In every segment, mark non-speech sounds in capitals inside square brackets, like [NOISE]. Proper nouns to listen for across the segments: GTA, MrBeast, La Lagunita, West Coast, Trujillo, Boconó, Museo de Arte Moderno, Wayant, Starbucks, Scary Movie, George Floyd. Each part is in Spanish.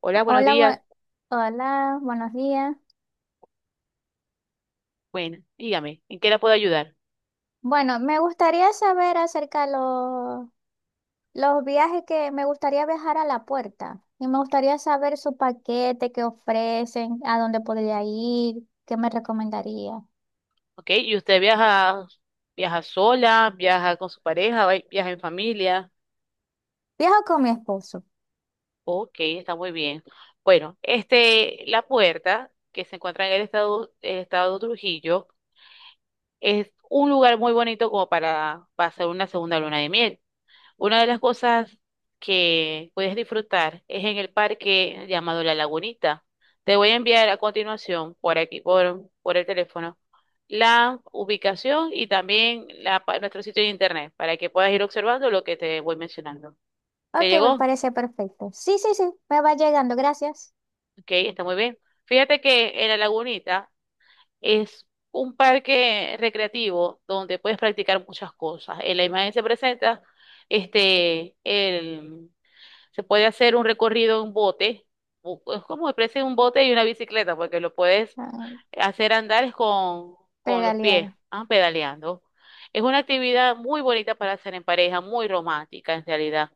Hola, buenos Hola, bu- días. Hola, buenos días. Bueno, dígame, ¿en qué la puedo ayudar? Bueno, me gustaría saber acerca de los viajes que me gustaría viajar a La Puerta. Y me gustaría saber su paquete que ofrecen, a dónde podría ir, qué me recomendaría. ¿Ok? ¿Y usted viaja sola, viaja con su pareja, viaja en familia? Viajo con mi esposo. Ok, está muy bien. Bueno, La Puerta que se encuentra en el estado de Trujillo es un lugar muy bonito como para pasar una segunda luna de miel. Una de las cosas que puedes disfrutar es en el parque llamado La Lagunita. Te voy a enviar a continuación por aquí, por el teléfono, la ubicación y también nuestro sitio de internet para que puedas ir observando lo que te voy mencionando. ¿Te Ok, me llegó? parece perfecto. Sí, sí, sí, me va llegando, gracias. Ok, está muy bien. Fíjate que en La Lagunita es un parque recreativo donde puedes practicar muchas cosas. En la imagen se presenta este, el Se puede hacer un recorrido en bote, es como especie un bote y una bicicleta, porque lo puedes Ah, hacer andar es con los pies, pedalear. Pedaleando. Es una actividad muy bonita para hacer en pareja, muy romántica en realidad.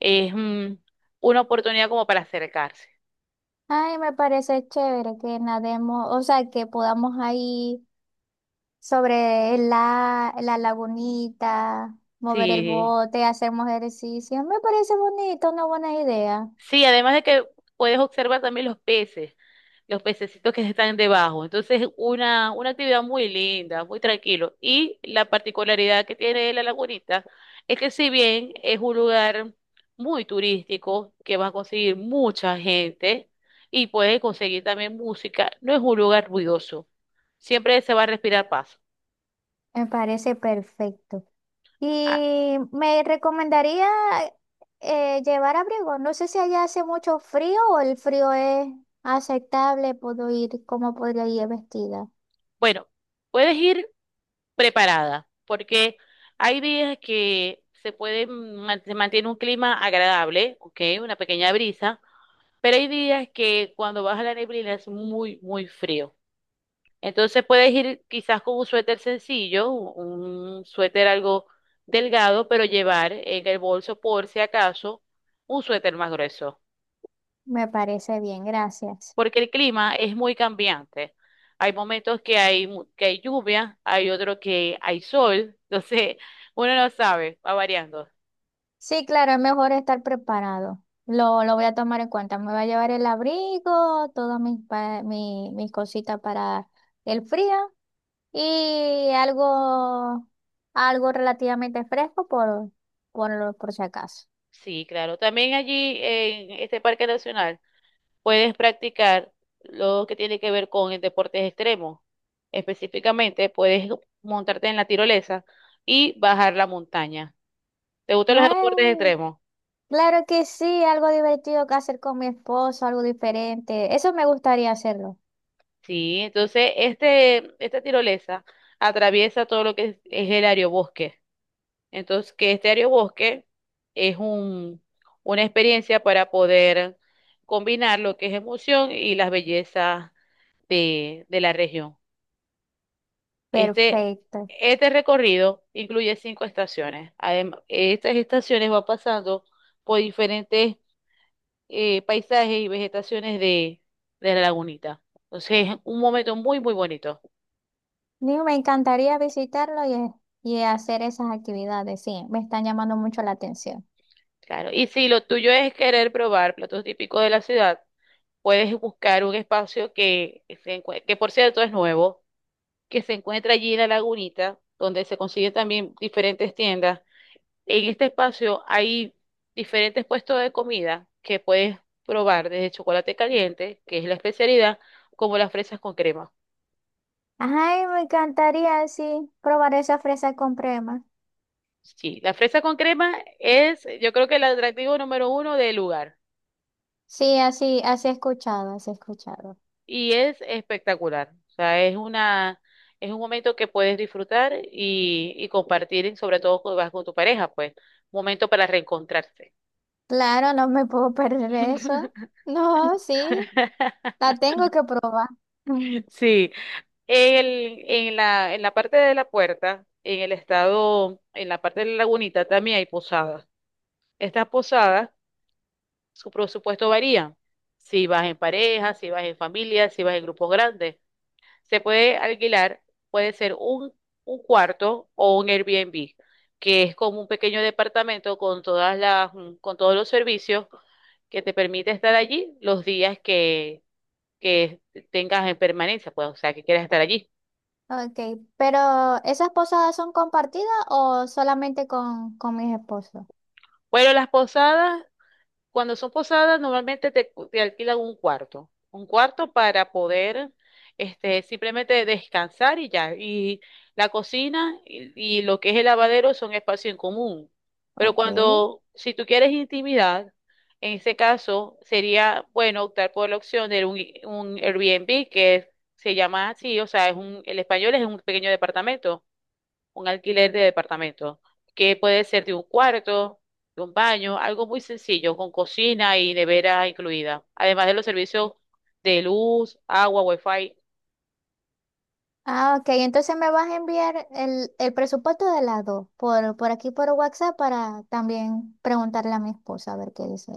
Es una oportunidad como para acercarse. Ay, me parece chévere que nademos, o sea, que podamos ahí sobre la lagunita, mover el Sí, bote, hacemos ejercicio. Me parece bonito, una buena idea. sí, además de que puedes observar también los peces, los pececitos que están debajo. Entonces, una actividad muy linda, muy tranquilo. Y la particularidad que tiene La Lagunita es que si bien es un lugar muy turístico, que va a conseguir mucha gente y puedes conseguir también música, no es un lugar ruidoso. Siempre se va a respirar paz. Me parece perfecto. Ah, Y me recomendaría llevar abrigo. No sé si allá hace mucho frío o el frío es aceptable. Puedo ir, cómo podría ir vestida. bueno, puedes ir preparada, porque hay días que se mantiene un clima agradable, ¿ok? Una pequeña brisa, pero hay días que cuando baja la neblina es muy, muy frío. Entonces puedes ir quizás con un suéter sencillo, un suéter algo delgado, pero llevar en el bolso por si acaso un suéter más grueso. Me parece bien, gracias. porque el clima es muy cambiante. Hay momentos que hay lluvia, hay otros que hay sol, [LAUGHS] entonces uno no sabe, va variando. Sí, claro, es mejor estar preparado. Lo voy a tomar en cuenta. Me voy a llevar el abrigo, todas mis cositas para el frío y algo relativamente fresco por si acaso. Sí, claro. También allí en este parque nacional puedes practicar lo que tiene que ver con el deportes extremos. Específicamente puedes montarte en la tirolesa y bajar la montaña. ¿Te gustan los deportes Ay, extremos? claro que sí, algo divertido que hacer con mi esposo, algo diferente. Eso me gustaría hacerlo. Sí, entonces esta tirolesa atraviesa todo lo que es el aerobosque. Entonces, que este aerobosque es una experiencia para poder combinar lo que es emoción y las bellezas de la región. Este, Perfecto. este recorrido incluye cinco estaciones. Además, estas estaciones van pasando por diferentes paisajes y vegetaciones de La Lagunita. Entonces, es un momento muy, muy bonito. Digo, me encantaría visitarlo y hacer esas actividades. Sí, me están llamando mucho la atención. Claro. Y si lo tuyo es querer probar platos típicos de la ciudad, puedes buscar un espacio que por cierto es nuevo, que se encuentra allí en La Lagunita, donde se consiguen también diferentes tiendas. En este espacio hay diferentes puestos de comida que puedes probar, desde chocolate caliente, que es la especialidad, como las fresas con crema. Ay, me encantaría así probar esa fresa con crema. Sí, la fresa con crema es, yo creo que el atractivo número uno del lugar, Sí, así, así he escuchado, así he escuchado. y es espectacular. O sea, es un momento que puedes disfrutar y compartir, y sobre todo cuando vas con tu pareja, pues, momento para reencontrarse. Claro, no me puedo [LAUGHS] perder eso. No, sí, [LAUGHS] la tengo que probar. Sí, en la parte de La Puerta, en el estado, en la parte de La Lagunita también hay posadas. Estas posadas, su presupuesto varía. Si vas en pareja, si vas en familia, si vas en grupos grandes. Se puede alquilar, puede ser un cuarto o un Airbnb, que es como un pequeño departamento con todas con todos los servicios que te permite estar allí los días que tengas en permanencia, pues, o sea, que quieras estar allí. Ok, pero ¿esas posadas son compartidas o solamente con mis esposos? Bueno, las posadas, cuando son posadas, normalmente te alquilan un cuarto, para poder simplemente descansar y ya. Y la cocina y lo que es el lavadero son espacio en común. Pero Ok. cuando, si tú quieres intimidad, en ese caso sería bueno optar por la opción de un Airbnb que se llama así, o sea, el español es un pequeño departamento, un alquiler de departamento, que puede ser de un cuarto, de un baño, algo muy sencillo, con cocina y nevera incluida, además de los servicios de luz, agua, wifi. Ah, ok, entonces me vas a enviar el presupuesto de las dos por aquí por WhatsApp, para también preguntarle a mi esposa a ver qué dice.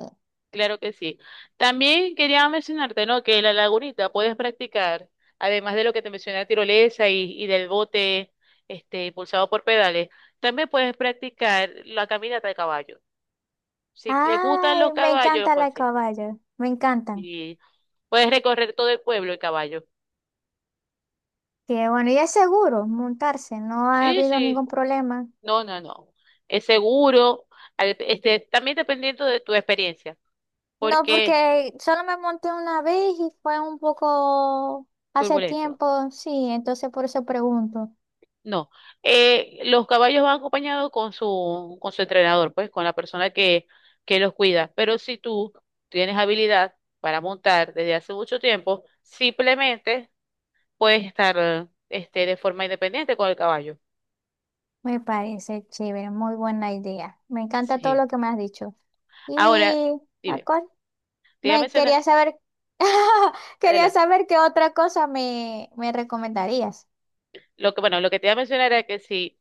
Claro que sí. También quería mencionarte, ¿no? Que en La Lagunita puedes practicar, además de lo que te mencioné, tirolesa y del bote, impulsado por pedales, también puedes practicar la caminata de caballo. Si te gustan Ay, los me caballos, encanta pues la sí. caballo, me encantan. Y puedes recorrer todo el pueblo en caballo. Que bueno, ¿ya es seguro montarse, no ha Sí, habido sí. ningún problema? No, no, no. Es seguro. También dependiendo de tu experiencia. No, Porque porque solo me monté una vez y fue un poco hace turbulento. tiempo, sí, entonces por eso pregunto. No. Los caballos van acompañados con con su entrenador, pues, con la persona que los cuida. Pero si tú tienes habilidad para montar desde hace mucho tiempo, simplemente puedes estar, de forma independiente con el caballo. Me parece chévere, muy buena idea. Me encanta todo Sí. lo que me has dicho. Ahora, Y ¿a dime, cuál? te iba a Me mencionar, quería saber, [LAUGHS] quería adelante. saber qué otra cosa me recomendarías. Lo que, bueno, lo que te iba a mencionar era que si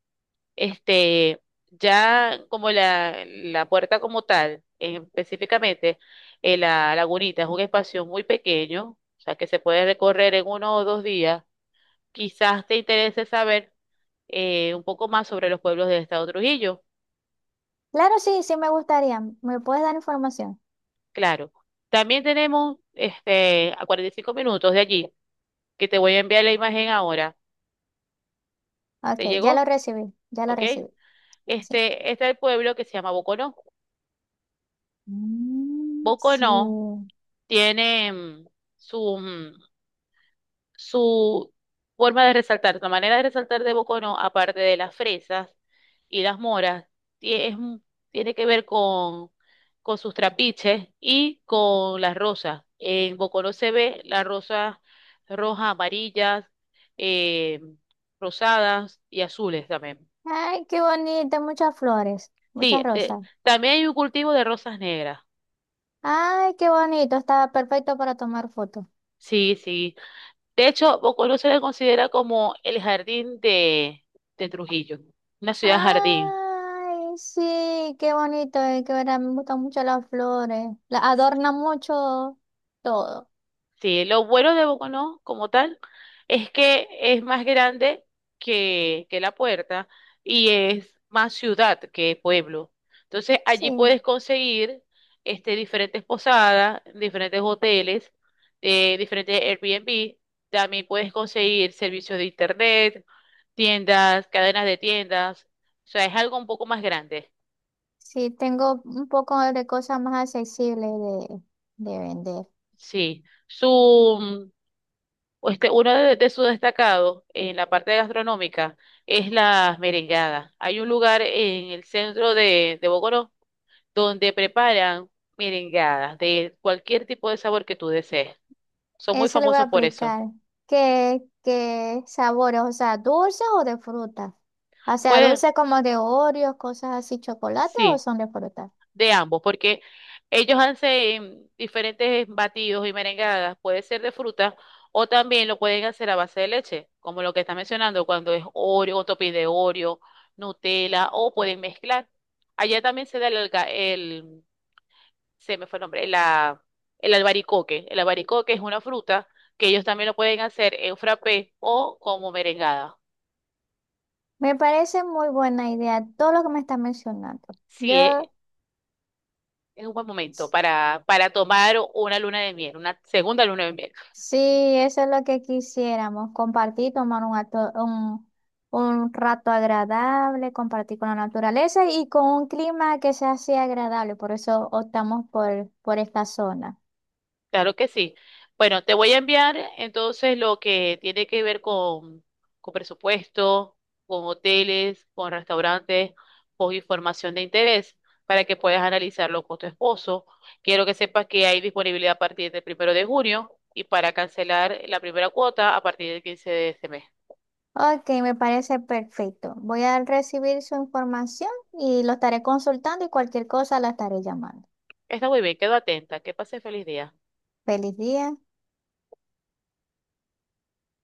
Este, ya como La Puerta como tal, específicamente, La Lagunita es un espacio muy pequeño, o sea que se puede recorrer en 1 o 2 días. Quizás te interese saber un poco más sobre los pueblos del estado Trujillo. Claro, sí, sí me gustaría. ¿Me puedes dar información? Claro. También tenemos a 45 minutos de allí, que te voy a enviar la imagen ahora. Ok, ¿Te ya lo llegó? recibí, ya lo ¿Ok? recibí. Sí. Este es el pueblo que se llama Boconó. Mm, Boconó sí. tiene su mm, su forma de resaltar, la manera de resaltar de Bocono, aparte de las fresas y las moras, ti- es un- tiene que ver con, sus trapiches y con las rosas. En Bocono se ve las rosas rojas, amarillas, eh, rosadas y azules también. Ay, qué bonito, muchas flores, Sí, muchas rosas. también hay un cultivo de rosas negras. Ay, qué bonito, estaba perfecto para tomar fotos. Sí, sí. De hecho, Bocono se le considera como el jardín de Trujillo, una ciudad jardín. Ay, sí, qué bonito, que verdad, me gustan mucho las flores. Las adorna mucho todo. Sí, lo bueno de Boconó como tal es que es más grande que La Puerta y es más ciudad que pueblo. Entonces Sí, allí puedes conseguir diferentes posadas, diferentes hoteles, diferentes Airbnb. También puedes conseguir servicios de internet, tiendas, cadenas de tiendas. O sea, es algo un poco más grande. sí, tengo un poco de cosas más accesibles de, de vender. Sí. Uno de sus destacados en la parte gastronómica es las merengadas. Hay un lugar en el centro de Bogotá donde preparan merengadas de cualquier tipo de sabor que tú desees. Son muy Eso le voy a famosos por eso. aplicar. ¿Qué, qué sabores? O sea, ¿dulces o de fruta? O sea, Pueden, dulces como de Oreos, cosas así, chocolate, o sí. son de fruta. De ambos, porque ellos hacen diferentes batidos y merengadas, puede ser de fruta o también lo pueden hacer a base de leche, como lo que está mencionando cuando es Oreo, o topping de Oreo, Nutella o pueden mezclar. Allá también se da se me fue el nombre, el albaricoque. El albaricoque es una fruta que ellos también lo pueden hacer en frappé o como merengada. Me parece muy buena idea todo lo que me estás mencionando. Sí, es, Yo, es un buen momento s- para tomar una luna de miel, una segunda luna de miel. sí, eso es lo que quisiéramos, compartir, tomar un rato agradable, compartir con la naturaleza y con un clima que sea así agradable. Por eso optamos por esta zona. Claro que sí. Bueno, te voy a enviar entonces lo que tiene que ver con presupuesto, con hoteles, con restaurantes, con información de interés para que puedas analizarlo con tu esposo. Quiero que sepas que hay disponibilidad a partir del 1 de junio y para cancelar la primera cuota a partir del 15 de este mes. Ok, me parece perfecto. Voy a recibir su información y lo estaré consultando, y cualquier cosa la estaré llamando. Está muy bien, quedo atenta. Que pases feliz día. Feliz día.